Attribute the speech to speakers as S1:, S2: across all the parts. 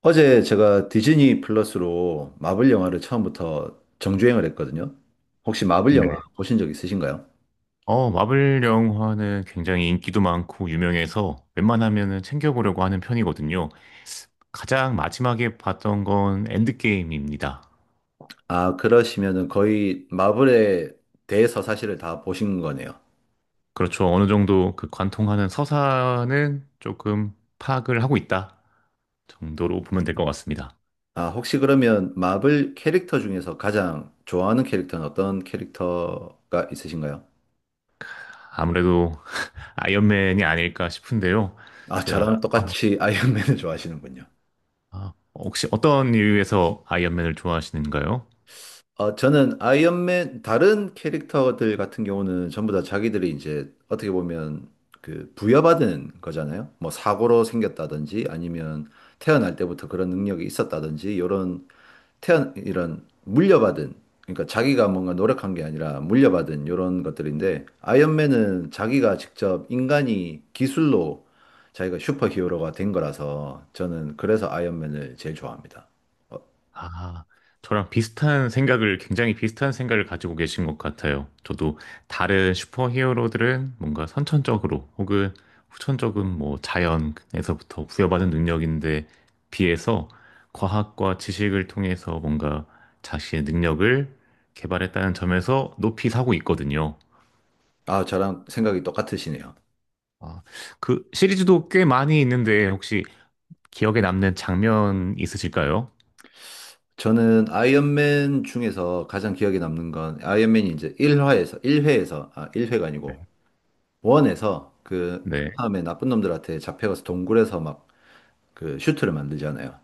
S1: 어제 제가 디즈니 플러스로 마블 영화를 처음부터 정주행을 했거든요. 혹시 마블 영화
S2: 네.
S1: 보신 적 있으신가요?
S2: 마블 영화는 굉장히 인기도 많고 유명해서 웬만하면은 챙겨보려고 하는 편이거든요. 가장 마지막에 봤던 건 엔드게임입니다.
S1: 아, 그러시면은 거의 마블에 대해서 사실을 다 보신 거네요.
S2: 그렇죠. 어느 정도 그 관통하는 서사는 조금 파악을 하고 있다 정도로 보면 될 것 같습니다.
S1: 아, 혹시 그러면 마블 캐릭터 중에서 가장 좋아하는 캐릭터는 어떤 캐릭터가 있으신가요?
S2: 아무래도 아이언맨이 아닐까 싶은데요.
S1: 아,
S2: 제가,
S1: 저랑 똑같이 아이언맨을 좋아하시는군요.
S2: 혹시 어떤 이유에서 아이언맨을 좋아하시는가요?
S1: 어, 저는 아이언맨 다른 캐릭터들 같은 경우는 전부 다 자기들이 이제 어떻게 보면 그 부여받은 거잖아요. 뭐 사고로 생겼다든지 아니면 태어날 때부터 그런 능력이 있었다든지 이런 태어 이런 물려받은 그러니까 자기가 뭔가 노력한 게 아니라 물려받은 이런 것들인데 아이언맨은 자기가 직접 인간이 기술로 자기가 슈퍼히어로가 된 거라서 저는 그래서 아이언맨을 제일 좋아합니다. 어,
S2: 아, 저랑 비슷한 생각을, 굉장히 비슷한 생각을 가지고 계신 것 같아요. 저도 다른 슈퍼히어로들은 뭔가 선천적으로 혹은 후천적인 뭐 자연에서부터 부여받은 능력인데 비해서 과학과 지식을 통해서 뭔가 자신의 능력을 개발했다는 점에서 높이 사고 있거든요.
S1: 아, 저랑 생각이 똑같으시네요.
S2: 아, 그 시리즈도 꽤 많이 있는데 혹시 기억에 남는 장면 있으실까요?
S1: 저는 아이언맨 중에서 가장 기억에 남는 건 아이언맨이 이제 1화에서, 일회에서 아, 1회가 아니고
S2: 네.
S1: 원에서 그
S2: 네,
S1: 다음에 나쁜 놈들한테 잡혀가서 동굴에서 막 그 슈트를 만들잖아요.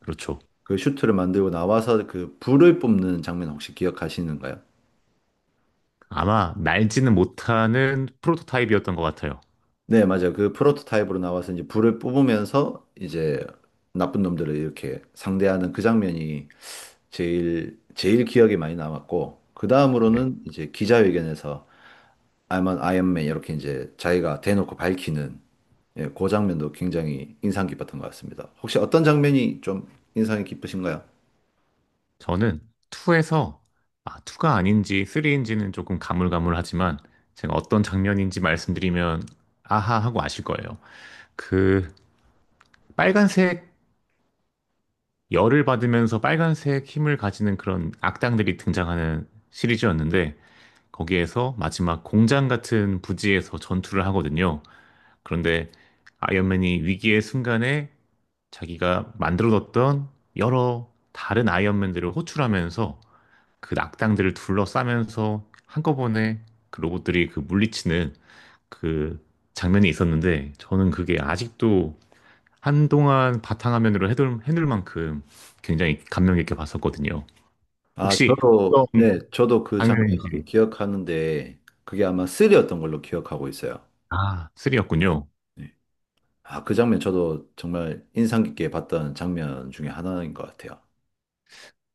S2: 그렇죠.
S1: 그 슈트를 만들고 나와서 그 불을 뿜는 장면 혹시 기억하시는가요?
S2: 아마 날지는 못하는 프로토타입이었던 것 같아요.
S1: 네, 맞아요. 그 프로토타입으로 나와서 이제 불을 뿜으면서 이제 나쁜 놈들을 이렇게 상대하는 그 장면이 제일 기억에 많이 남았고, 그
S2: 네.
S1: 다음으로는 이제 기자회견에서 I'm an Iron Man 이렇게 이제 자기가 대놓고 밝히는 예, 그 장면도 굉장히 인상 깊었던 것 같습니다. 혹시 어떤 장면이 좀 인상이 깊으신가요?
S2: 저는 2에서 2가 아닌지 3인지는 조금 가물가물하지만 제가 어떤 장면인지 말씀드리면 아하 하고 아실 거예요. 그 빨간색 열을 받으면서 빨간색 힘을 가지는 그런 악당들이 등장하는 시리즈였는데 거기에서 마지막 공장 같은 부지에서 전투를 하거든요. 그런데 아이언맨이 위기의 순간에 자기가 만들어 뒀던 여러 다른 아이언맨들을 호출하면서 그 악당들을 둘러싸면서 한꺼번에 그 로봇들이 그 물리치는 그 장면이 있었는데 저는 그게 아직도 한동안 바탕화면으로 해둘 만큼 굉장히 감명 깊게 봤었거든요.
S1: 아,
S2: 혹시
S1: 저도,
S2: 어떤
S1: 네, 저도 그 장면
S2: 장면인지.
S1: 기억하는데 그게 아마 3였던 걸로 기억하고 있어요.
S2: 아, 3였군요.
S1: 네. 아, 그 장면 저도 정말 인상 깊게 봤던 장면 중에 하나인 것 같아요.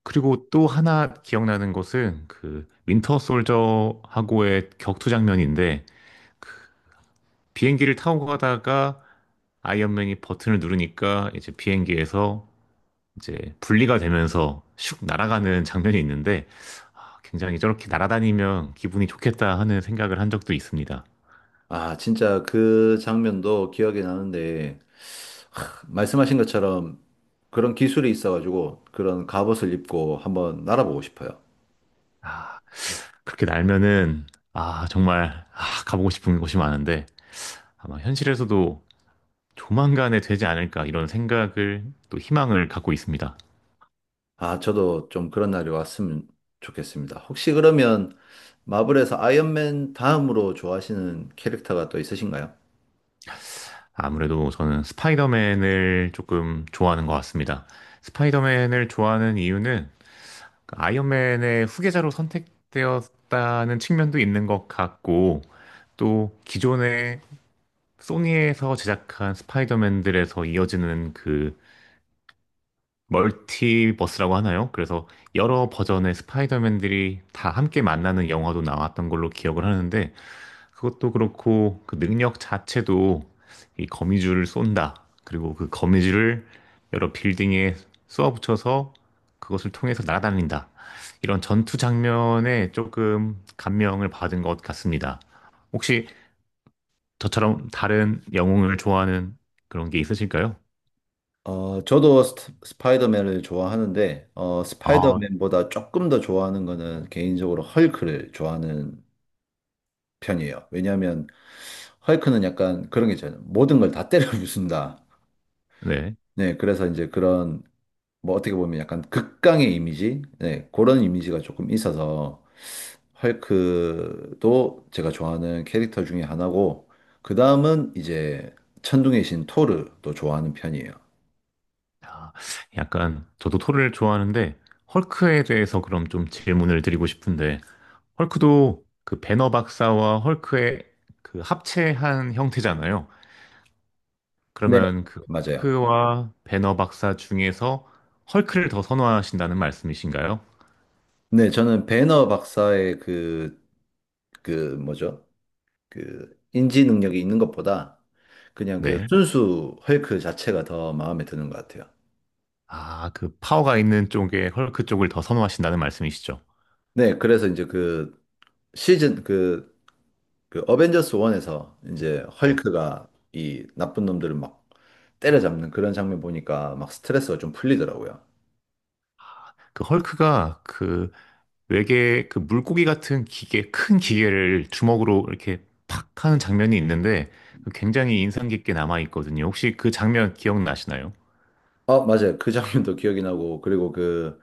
S2: 그리고 또 하나 기억나는 것은 그 윈터 솔저하고의 격투 장면인데 비행기를 타고 가다가 아이언맨이 버튼을 누르니까 이제 비행기에서 이제 분리가 되면서 슉 날아가는 장면이 있는데 아, 굉장히 저렇게 날아다니면 기분이 좋겠다 하는 생각을 한 적도 있습니다.
S1: 아, 진짜 그 장면도 기억이 나는데 말씀하신 것처럼 그런 기술이 있어가지고 그런 갑옷을 입고 한번 날아보고 싶어요.
S2: 아, 그렇게 날면은 정말 가보고 싶은 곳이 많은데 아마 현실에서도 조만간에 되지 않을까 이런 생각을 또 희망을 갖고 있습니다.
S1: 아, 저도 좀 그런 날이 왔으면 좋겠습니다. 혹시 그러면 마블에서 아이언맨 다음으로 좋아하시는 캐릭터가 또 있으신가요?
S2: 아무래도 저는 스파이더맨을 조금 좋아하는 것 같습니다. 스파이더맨을 좋아하는 이유는 그 아이언맨의 후계자로 선택되었다는 측면도 있는 것 같고, 또 기존에 소니에서 제작한 스파이더맨들에서 이어지는 그 멀티버스라고 하나요? 그래서 여러 버전의 스파이더맨들이 다 함께 만나는 영화도 나왔던 걸로 기억을 하는데, 그것도 그렇고 그 능력 자체도 이 거미줄을 쏜다. 그리고 그 거미줄을 여러 빌딩에 쏘아붙여서 그것을 통해서 날아다닌다. 이런 전투 장면에 조금 감명을 받은 것 같습니다. 혹시 저처럼 다른 영웅을 좋아하는 그런 게 있으실까요?
S1: 어, 저도 스파이더맨을 좋아하는데, 어,
S2: 아,
S1: 스파이더맨보다 조금 더 좋아하는 거는 개인적으로 헐크를 좋아하는 편이에요. 왜냐하면 헐크는 약간 그런 게 있잖아요. 모든 걸 다 때려 부순다.
S2: 네.
S1: 네, 그래서 이제 그런, 뭐 어떻게 보면 약간 극강의 이미지? 네, 그런 이미지가 조금 있어서 헐크도 제가 좋아하는 캐릭터 중에 하나고, 그 다음은 이제 천둥의 신 토르도 좋아하는 편이에요.
S2: 아, 약간 저도 토를 좋아하는데 헐크에 대해서 그럼 좀 질문을 드리고 싶은데 헐크도 그 배너 박사와 헐크의 그 합체한 형태잖아요.
S1: 네,
S2: 그러면 그
S1: 맞아요.
S2: 헐크와 배너 박사 중에서 헐크를 더 선호하신다는 말씀이신가요?
S1: 네, 저는 배너 박사의 그, 그, 뭐죠? 그, 인지 능력이 있는 것보다 그냥 그
S2: 네.
S1: 순수 헐크 자체가 더 마음에 드는 것 같아요.
S2: 아, 그 파워가 있는 쪽에 헐크 쪽을 더 선호하신다는 말씀이시죠?
S1: 네, 그래서 이제 그 어벤져스 1에서 이제
S2: 네.
S1: 헐크가 이 나쁜 놈들을 막 때려잡는 그런 장면 보니까 막 스트레스가 좀 풀리더라고요.
S2: 그 헐크가 그 외계 그 물고기 같은 기계, 큰 기계를 주먹으로 이렇게 팍 하는 장면이 있는데 그 굉장히 인상 깊게 남아 있거든요. 혹시 그 장면 기억나시나요?
S1: 어, 맞아요. 그 장면도 기억이 나고 그리고 그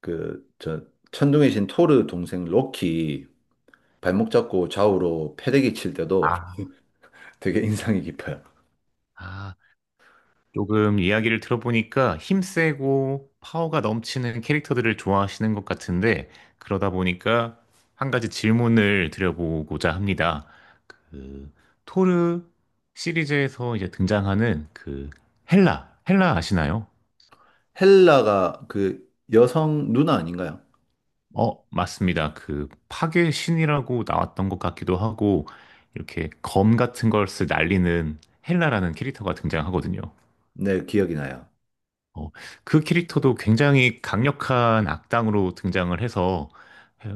S1: 그 저 천둥의 신 토르 동생 로키 발목 잡고 좌우로 패대기 칠 때도
S2: 아,
S1: 되게 인상이 깊어요.
S2: 아, 조금 이야기를 들어보니까 힘세고 파워가 넘치는 캐릭터들을 좋아하시는 것 같은데, 그러다 보니까 한 가지 질문을 드려보고자 합니다. 그, 토르 시리즈에서 이제 등장하는 그 헬라, 헬라 아시나요?
S1: 헬라가 그 여성 누나 아닌가요?
S2: 맞습니다. 그 파괴 신이라고 나왔던 것 같기도 하고, 이렇게 검 같은 걸 쓰 날리는 헬라라는 캐릭터가 등장하거든요.
S1: 네, 기억이 나요.
S2: 어, 그 캐릭터도 굉장히 강력한 악당으로 등장을 해서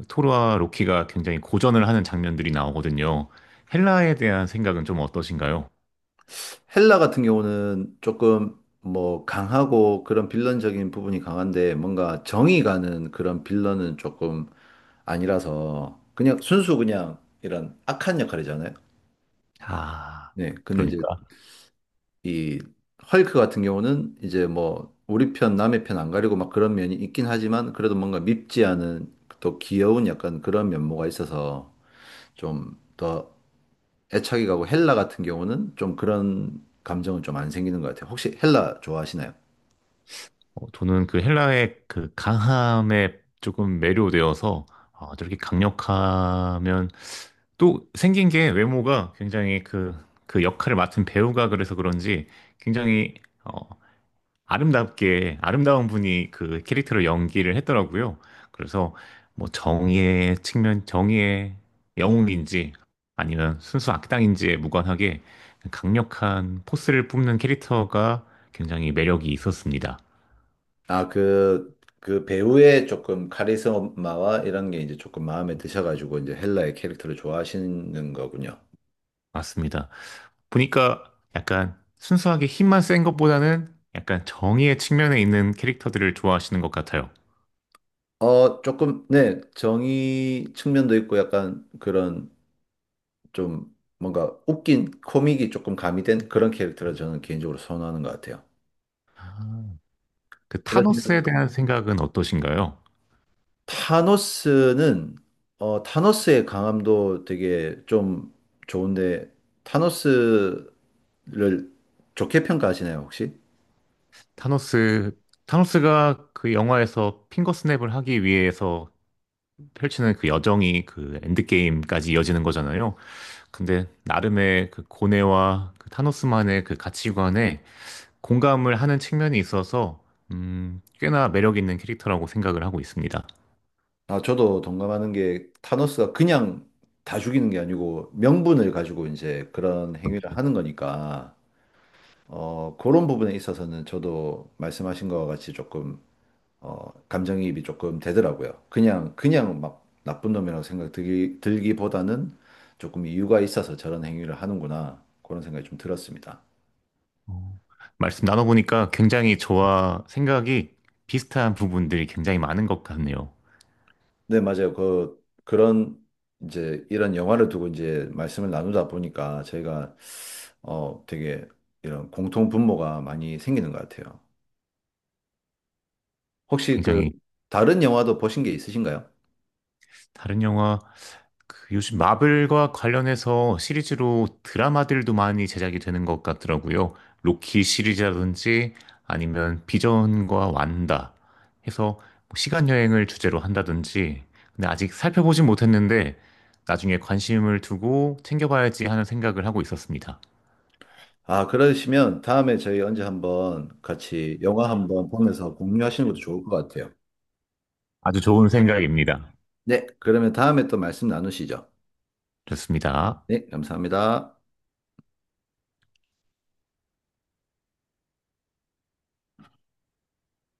S2: 토르와 로키가 굉장히 고전을 하는 장면들이 나오거든요. 헬라에 대한 생각은 좀 어떠신가요?
S1: 헬라 같은 경우는 조금 뭐 강하고 그런 빌런적인 부분이 강한데 뭔가 정이 가는 그런 빌런은 조금 아니라서 그냥 순수 그냥 이런 악한 역할이잖아요.
S2: 아,
S1: 네. 근데
S2: 그러니까
S1: 이제 이 헐크 같은 경우는 이제 뭐 우리 편 남의 편 안 가리고 막 그런 면이 있긴 하지만 그래도 뭔가 밉지 않은 또 귀여운 약간 그런 면모가 있어서 좀 더 애착이 가고 헬라 같은 경우는 좀 그런 감정은 좀 안 생기는 것 같아요. 혹시 헬라 좋아하시나요?
S2: 저는 그 헬라의 그 강함에 조금 매료되어서 저렇게 강력하면 또 생긴 게 외모가 굉장히 그, 그 역할을 맡은 배우가 그래서 그런지 굉장히 어, 아름답게 아름다운 분이 그 캐릭터를 연기를 했더라고요. 그래서 뭐 정의의 측면, 정의의 영웅인지 아니면 순수 악당인지에 무관하게 강력한 포스를 뿜는 캐릭터가 굉장히 매력이 있었습니다.
S1: 아, 그, 그 배우의 조금 카리스마와 이런 게 이제 조금 마음에 드셔가지고 이제 헬라의 캐릭터를 좋아하시는 거군요.
S2: 맞습니다. 보니까 약간 순수하게 힘만 센 것보다는 약간 정의의 측면에 있는 캐릭터들을 좋아하시는 것 같아요.
S1: 어, 조금, 네, 정의 측면도 있고 약간 그런 좀 뭔가 웃긴 코믹이 조금 가미된 그런 캐릭터를 저는 개인적으로 선호하는 것 같아요.
S2: 아. 그
S1: 그렇지만
S2: 타노스에 대한 생각은 어떠신가요?
S1: 타노스는, 어, 타노스의 강함도 되게 좀 좋은데, 타노스를 좋게 평가하시나요, 혹시?
S2: 타노스, 타노스가 그 영화에서 핑거스냅을 하기 위해서 펼치는 그 여정이 그 엔드게임까지 이어지는 거잖아요. 근데 나름의 그 고뇌와 그 타노스만의 그 가치관에 공감을 하는 측면이 있어서, 꽤나 매력 있는 캐릭터라고 생각을 하고 있습니다.
S1: 아, 저도 동감하는 게 타노스가 그냥 다 죽이는 게 아니고 명분을 가지고 이제 그런 행위를 하는 거니까 어, 그런 부분에 있어서는 저도 말씀하신 거와 같이 조금 어, 감정이입이 조금 되더라고요. 그냥 막 나쁜 놈이라고 생각 들기보다는 조금 이유가 있어서 저런 행위를 하는구나 그런 생각이 좀 들었습니다.
S2: 어, 말씀 나눠보니까 굉장히 저와 생각이 비슷한 부분들이 굉장히 많은 것 같네요.
S1: 네, 맞아요. 그런 이제 이런 영화를 두고 이제 말씀을 나누다 보니까 저희가 어, 되게 이런 공통 분모가 많이 생기는 것 같아요. 혹시 그
S2: 굉장히
S1: 다른 영화도 보신 게 있으신가요?
S2: 다른 영화, 그 요즘 마블과 관련해서 시리즈로 드라마들도 많이 제작이 되는 것 같더라고요. 로키 시리즈라든지 아니면 비전과 완다 해서 뭐 시간 여행을 주제로 한다든지. 근데 아직 살펴보진 못했는데 나중에 관심을 두고 챙겨봐야지 하는 생각을 하고 있었습니다.
S1: 아, 그러시면 다음에 저희 언제 한번 같이 영화 한번 보면서 공유하시는 것도 좋을 것 같아요.
S2: 아주 좋은 생각입니다.
S1: 네, 그러면 다음에 또 말씀 나누시죠.
S2: 좋습니다.
S1: 네, 감사합니다.